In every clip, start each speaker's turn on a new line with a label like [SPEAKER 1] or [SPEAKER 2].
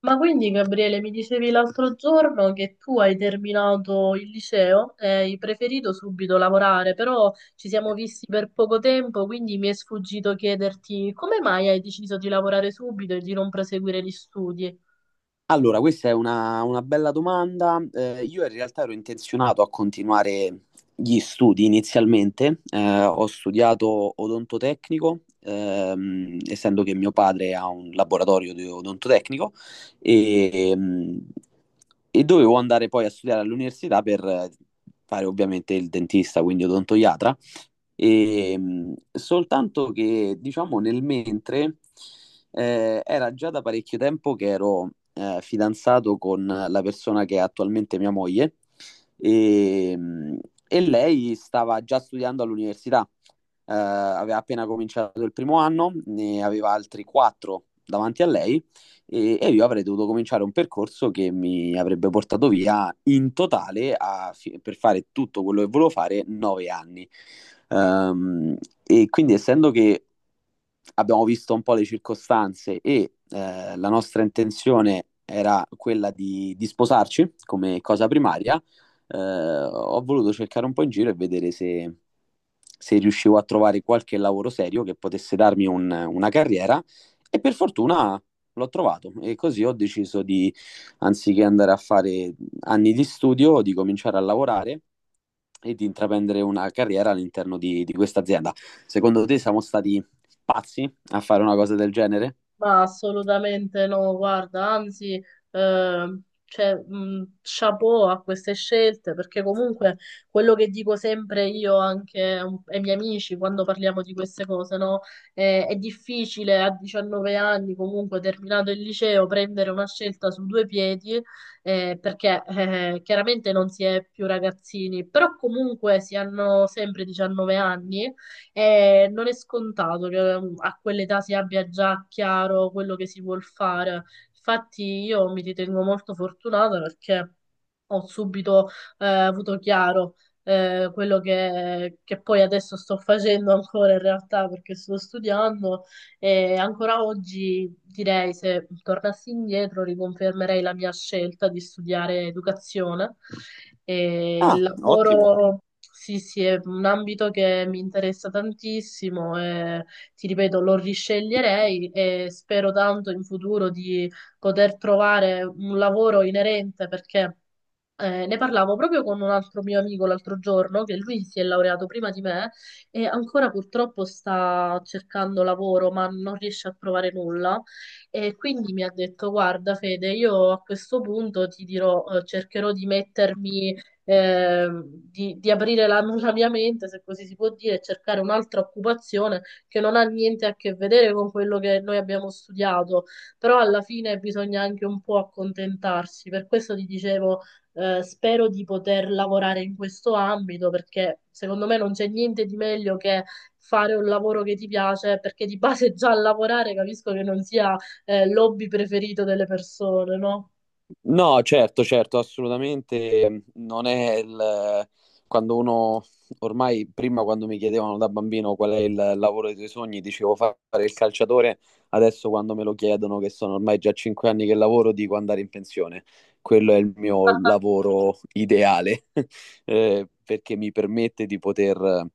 [SPEAKER 1] Ma quindi, Gabriele, mi dicevi l'altro giorno che tu hai terminato il liceo e hai preferito subito lavorare, però ci siamo visti per poco tempo, quindi mi è sfuggito chiederti come mai hai deciso di lavorare subito e di non proseguire gli studi?
[SPEAKER 2] Allora, questa è una bella domanda. Io in realtà ero intenzionato a continuare gli studi inizialmente. Ho studiato odontotecnico, essendo che mio padre ha un laboratorio di odontotecnico e, ehm, e dovevo andare poi a studiare all'università per fare ovviamente il dentista, quindi odontoiatra. E, soltanto che, diciamo, nel mentre era già da parecchio tempo che ero fidanzato con la persona che è attualmente mia moglie e, mh, e lei stava già studiando all'università. Aveva appena cominciato il primo anno, ne aveva altri quattro davanti a lei, e io avrei dovuto cominciare un percorso che mi avrebbe portato via in totale per fare tutto quello che volevo fare 9 anni. Ehm, e quindi, essendo che abbiamo visto un po' le circostanze e la nostra intenzione era quella di sposarci come cosa primaria, ho voluto cercare un po' in giro e vedere se, se riuscivo a trovare qualche lavoro serio che potesse darmi una carriera, e per fortuna l'ho trovato, e così ho deciso di, anziché andare a fare anni di studio, di cominciare a lavorare e di intraprendere una carriera all'interno di questa azienda. Secondo te siamo stati pazzi a fare una cosa del genere?
[SPEAKER 1] Ma assolutamente no, guarda, anzi, eh, cioè, chapeau a queste scelte, perché comunque quello che dico sempre io anche ai miei amici quando parliamo di queste cose, no? È difficile a 19 anni, comunque terminato il liceo, prendere una scelta su due piedi, perché chiaramente non si è più ragazzini, però comunque si hanno sempre 19 anni e non è scontato che a quell'età si abbia già chiaro quello che si vuol fare. Infatti io mi ritengo molto fortunata perché ho subito avuto chiaro quello che poi adesso sto facendo ancora in realtà perché sto studiando e ancora oggi direi, se tornassi indietro, riconfermerei la mia scelta di studiare educazione. E il
[SPEAKER 2] Ah, ottimo.
[SPEAKER 1] lavoro, sì, sì, è un ambito che mi interessa tantissimo e ti ripeto, lo risceglierei e spero tanto in futuro di poter trovare un lavoro inerente perché ne parlavo proprio con un altro mio amico l'altro giorno, che lui si è laureato prima di me e ancora purtroppo sta cercando lavoro, ma non riesce a trovare nulla. E quindi mi ha detto: Guarda, Fede, io a questo punto ti dirò, cercherò di mettermi, di aprire la mia mente, se così si può dire, e cercare un'altra occupazione che non ha niente a che vedere con quello che noi abbiamo studiato. Però alla fine bisogna anche un po' accontentarsi. Per questo ti dicevo spero di poter lavorare in questo ambito perché secondo me non c'è niente di meglio che fare un lavoro che ti piace, perché di base già lavorare capisco che non sia, l'hobby preferito delle persone, no?
[SPEAKER 2] No, certo, certo, assolutamente non è il... Quando uno, ormai, prima quando mi chiedevano da bambino qual è il lavoro dei tuoi sogni, dicevo fare il calciatore. Adesso quando me lo chiedono, che sono ormai già 5 anni che lavoro, dico andare in pensione. Quello è il mio lavoro ideale, perché mi permette di poter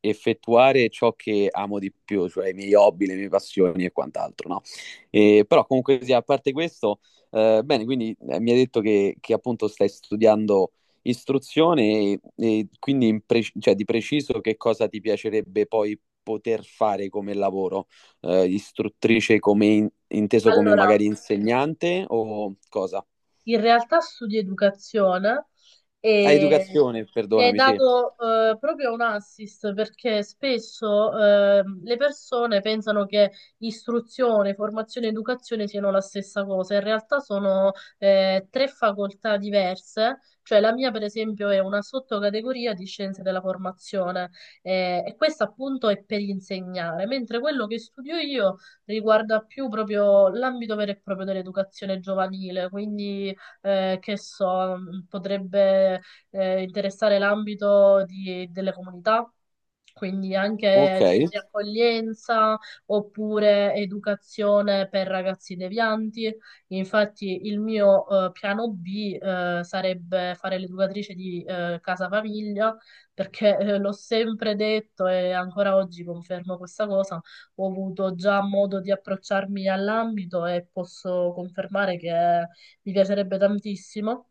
[SPEAKER 2] effettuare ciò che amo di più, cioè i miei hobby, le mie passioni e quant'altro, no? E, però, comunque sia, a parte questo, bene, quindi mi hai detto che appunto stai studiando istruzione, e quindi, cioè, di preciso, che cosa ti piacerebbe poi poter fare come lavoro? Istruttrice, come inteso come
[SPEAKER 1] Allora,
[SPEAKER 2] magari insegnante o cosa?
[SPEAKER 1] in realtà studio educazione
[SPEAKER 2] Ah,
[SPEAKER 1] e
[SPEAKER 2] educazione,
[SPEAKER 1] mi hai
[SPEAKER 2] perdonami, sì.
[SPEAKER 1] dato proprio un assist perché spesso le persone pensano che istruzione, formazione e educazione siano la stessa cosa. In realtà sono tre facoltà diverse, cioè la mia per esempio è una sottocategoria di scienze della formazione e questa appunto è per insegnare, mentre quello che studio io riguarda più proprio l'ambito vero e proprio dell'educazione giovanile, quindi che so, potrebbe interessare l'ambito delle comunità, quindi
[SPEAKER 2] Ok.
[SPEAKER 1] anche centri accoglienza oppure educazione per ragazzi devianti. Infatti il mio piano B sarebbe fare l'educatrice di casa famiglia, perché l'ho sempre detto e ancora oggi confermo questa cosa, ho avuto già modo di approcciarmi all'ambito e posso confermare che mi piacerebbe tantissimo.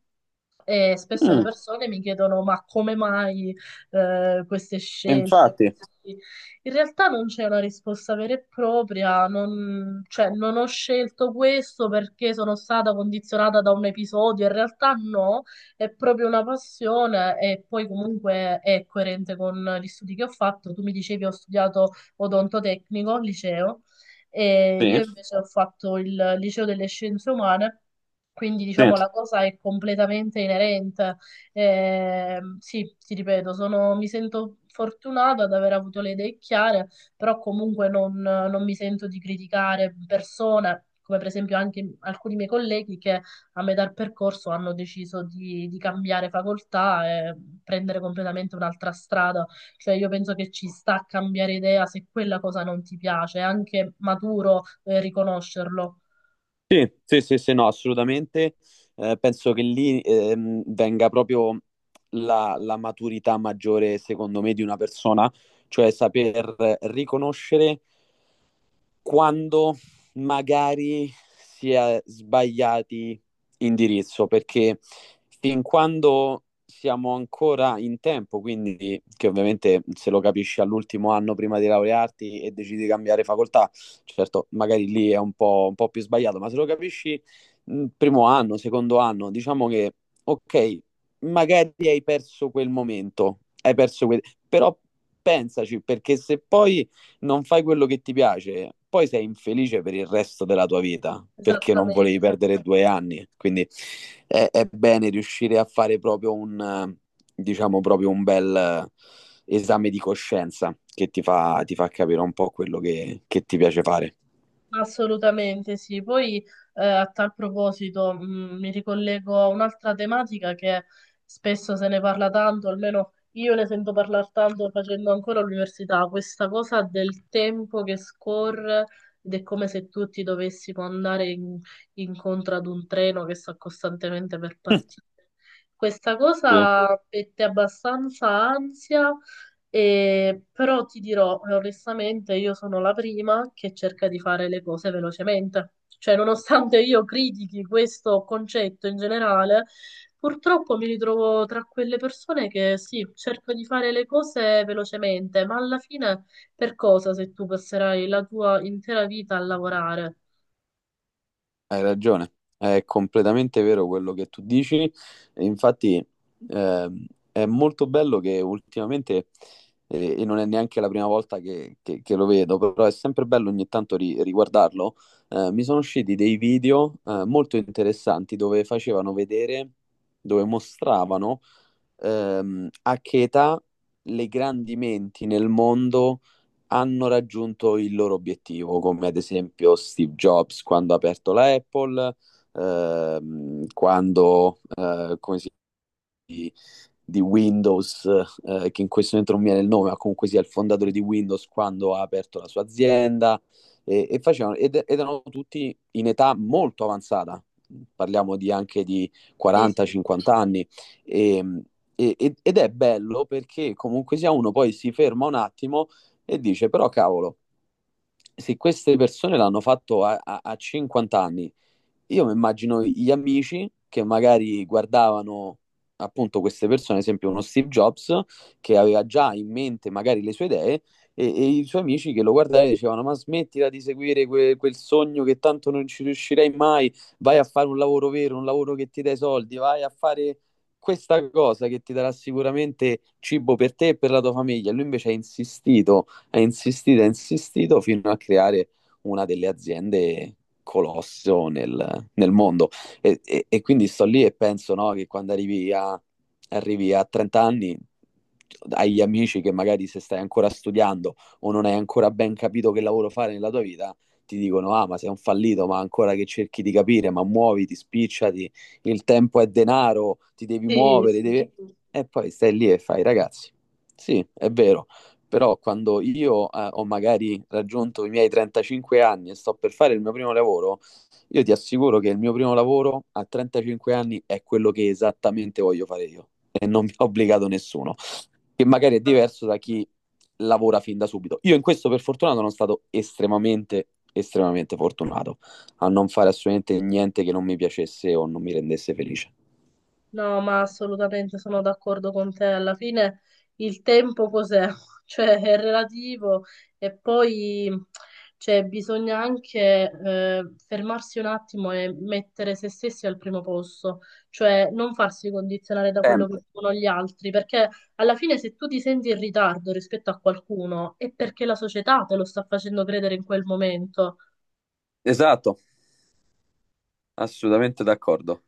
[SPEAKER 1] E spesso le
[SPEAKER 2] Mm,
[SPEAKER 1] persone mi chiedono: ma come mai queste scelte
[SPEAKER 2] infatti,
[SPEAKER 1] così? In realtà non c'è una risposta vera e propria, non, cioè, non ho scelto questo perché sono stata condizionata da un episodio. In realtà no, è proprio una passione e poi comunque è coerente con gli studi che ho fatto. Tu mi dicevi ho studiato odontotecnico al liceo e io
[SPEAKER 2] sì,
[SPEAKER 1] invece ho fatto il liceo delle scienze umane, quindi
[SPEAKER 2] sì.
[SPEAKER 1] diciamo la cosa è completamente inerente. Sì, ti ripeto, sono- mi sento fortunata ad aver avuto le idee chiare, però comunque non mi sento di criticare persone, come per esempio anche alcuni miei colleghi che a metà percorso hanno deciso di cambiare facoltà e prendere completamente un'altra strada. Cioè io penso che ci sta a cambiare idea se quella cosa non ti piace, è anche maturo, riconoscerlo.
[SPEAKER 2] Sì, sì, sì, sì, no, assolutamente. Penso che lì, venga proprio la maturità maggiore, secondo me, di una persona. Cioè, saper riconoscere quando magari si è sbagliati indirizzo, perché fin quando siamo ancora in tempo... Quindi, che ovviamente se lo capisci all'ultimo anno prima di laurearti e decidi di cambiare facoltà, certo, magari lì è un po' più sbagliato, ma se lo capisci, primo anno, secondo anno, diciamo che ok, magari hai perso quel momento, hai perso quel... però pensaci, perché se poi non fai quello che ti piace, poi sei infelice per il resto della tua vita perché non
[SPEAKER 1] Esattamente.
[SPEAKER 2] volevi perdere 2 anni. Quindi è bene riuscire a fare proprio diciamo, proprio un bel, esame di coscienza che ti fa capire un po' quello che ti piace fare.
[SPEAKER 1] Assolutamente sì. Poi a tal proposito mi ricollego a un'altra tematica che spesso se ne parla tanto, almeno io ne sento parlare tanto facendo ancora l'università, questa cosa del tempo che scorre ed è come se tu ti dovessi può andare incontro ad un treno che sta costantemente per
[SPEAKER 2] Mm.
[SPEAKER 1] partire. Questa
[SPEAKER 2] Sì.
[SPEAKER 1] cosa mette abbastanza ansia però ti dirò, onestamente, io sono la prima che cerca di fare le cose velocemente. Cioè, nonostante io critichi questo concetto in generale, purtroppo mi ritrovo tra quelle persone che sì, cerco di fare le cose velocemente, ma alla fine per cosa se tu passerai la tua intera vita a lavorare?
[SPEAKER 2] Hai ragione, è completamente vero quello che tu dici. E infatti, ehm, è molto bello che ultimamente, e non è neanche la prima volta che lo vedo, però è sempre bello ogni tanto riguardarlo. Mi sono usciti dei video, molto interessanti, dove facevano vedere, dove mostravano, a che età le grandi menti nel mondo hanno raggiunto il loro obiettivo, come ad esempio Steve Jobs quando ha aperto la Apple, quando, come si di, di Windows, che in questo momento non mi viene il nome, ma comunque sia il fondatore di Windows quando ha aperto la sua azienda. E, e facevano, ed, ed erano tutti in età molto avanzata, parliamo di anche di
[SPEAKER 1] Sì, sì,
[SPEAKER 2] 40-50 anni, e, e ed è bello, perché comunque sia uno poi si ferma un attimo e dice, però cavolo, se queste persone l'hanno fatto a 50 anni, io mi immagino gli amici che magari guardavano appunto queste persone, ad esempio uno Steve Jobs, che aveva già in mente magari le sue idee, e i suoi amici che lo guardavano e dicevano, ma smettila di seguire quel sogno, che tanto non ci riuscirei mai, vai a fare un lavoro vero, un lavoro che ti dà i soldi, vai a fare questa cosa che ti darà sicuramente cibo per te e per la tua famiglia. Lui invece ha insistito, ha insistito, ha insistito, fino a creare una delle aziende colosso nel nel mondo. E, e e quindi sto lì e penso, no, che quando arrivi a 30 anni, hai gli amici che, magari, se stai ancora studiando o non hai ancora ben capito che lavoro fare nella tua vita, ti dicono, ah, ma sei un fallito, ma ancora che cerchi di capire, ma muoviti, spicciati, il tempo è denaro, ti devi
[SPEAKER 1] sì,
[SPEAKER 2] muovere,
[SPEAKER 1] sì.
[SPEAKER 2] devi... E poi stai lì e fai, ragazzi, sì, è vero, però quando io, ho magari raggiunto i miei 35 anni e sto per fare il mio primo lavoro, io ti assicuro che il mio primo lavoro a 35 anni è quello che esattamente voglio fare io e non mi ha obbligato nessuno, che magari è diverso da chi lavora fin da subito. Io in questo per fortuna sono stato estremamente, estremamente fortunato a non fare assolutamente niente che non mi piacesse o non mi rendesse felice.
[SPEAKER 1] No, ma assolutamente sono d'accordo con te. Alla fine il tempo cos'è? Cioè è relativo e poi cioè, bisogna anche fermarsi un attimo e mettere se stessi al primo posto, cioè non farsi condizionare da quello che
[SPEAKER 2] Sempre.
[SPEAKER 1] dicono gli altri, perché alla fine se tu ti senti in ritardo rispetto a qualcuno è perché la società te lo sta facendo credere in quel momento.
[SPEAKER 2] Esatto, assolutamente d'accordo.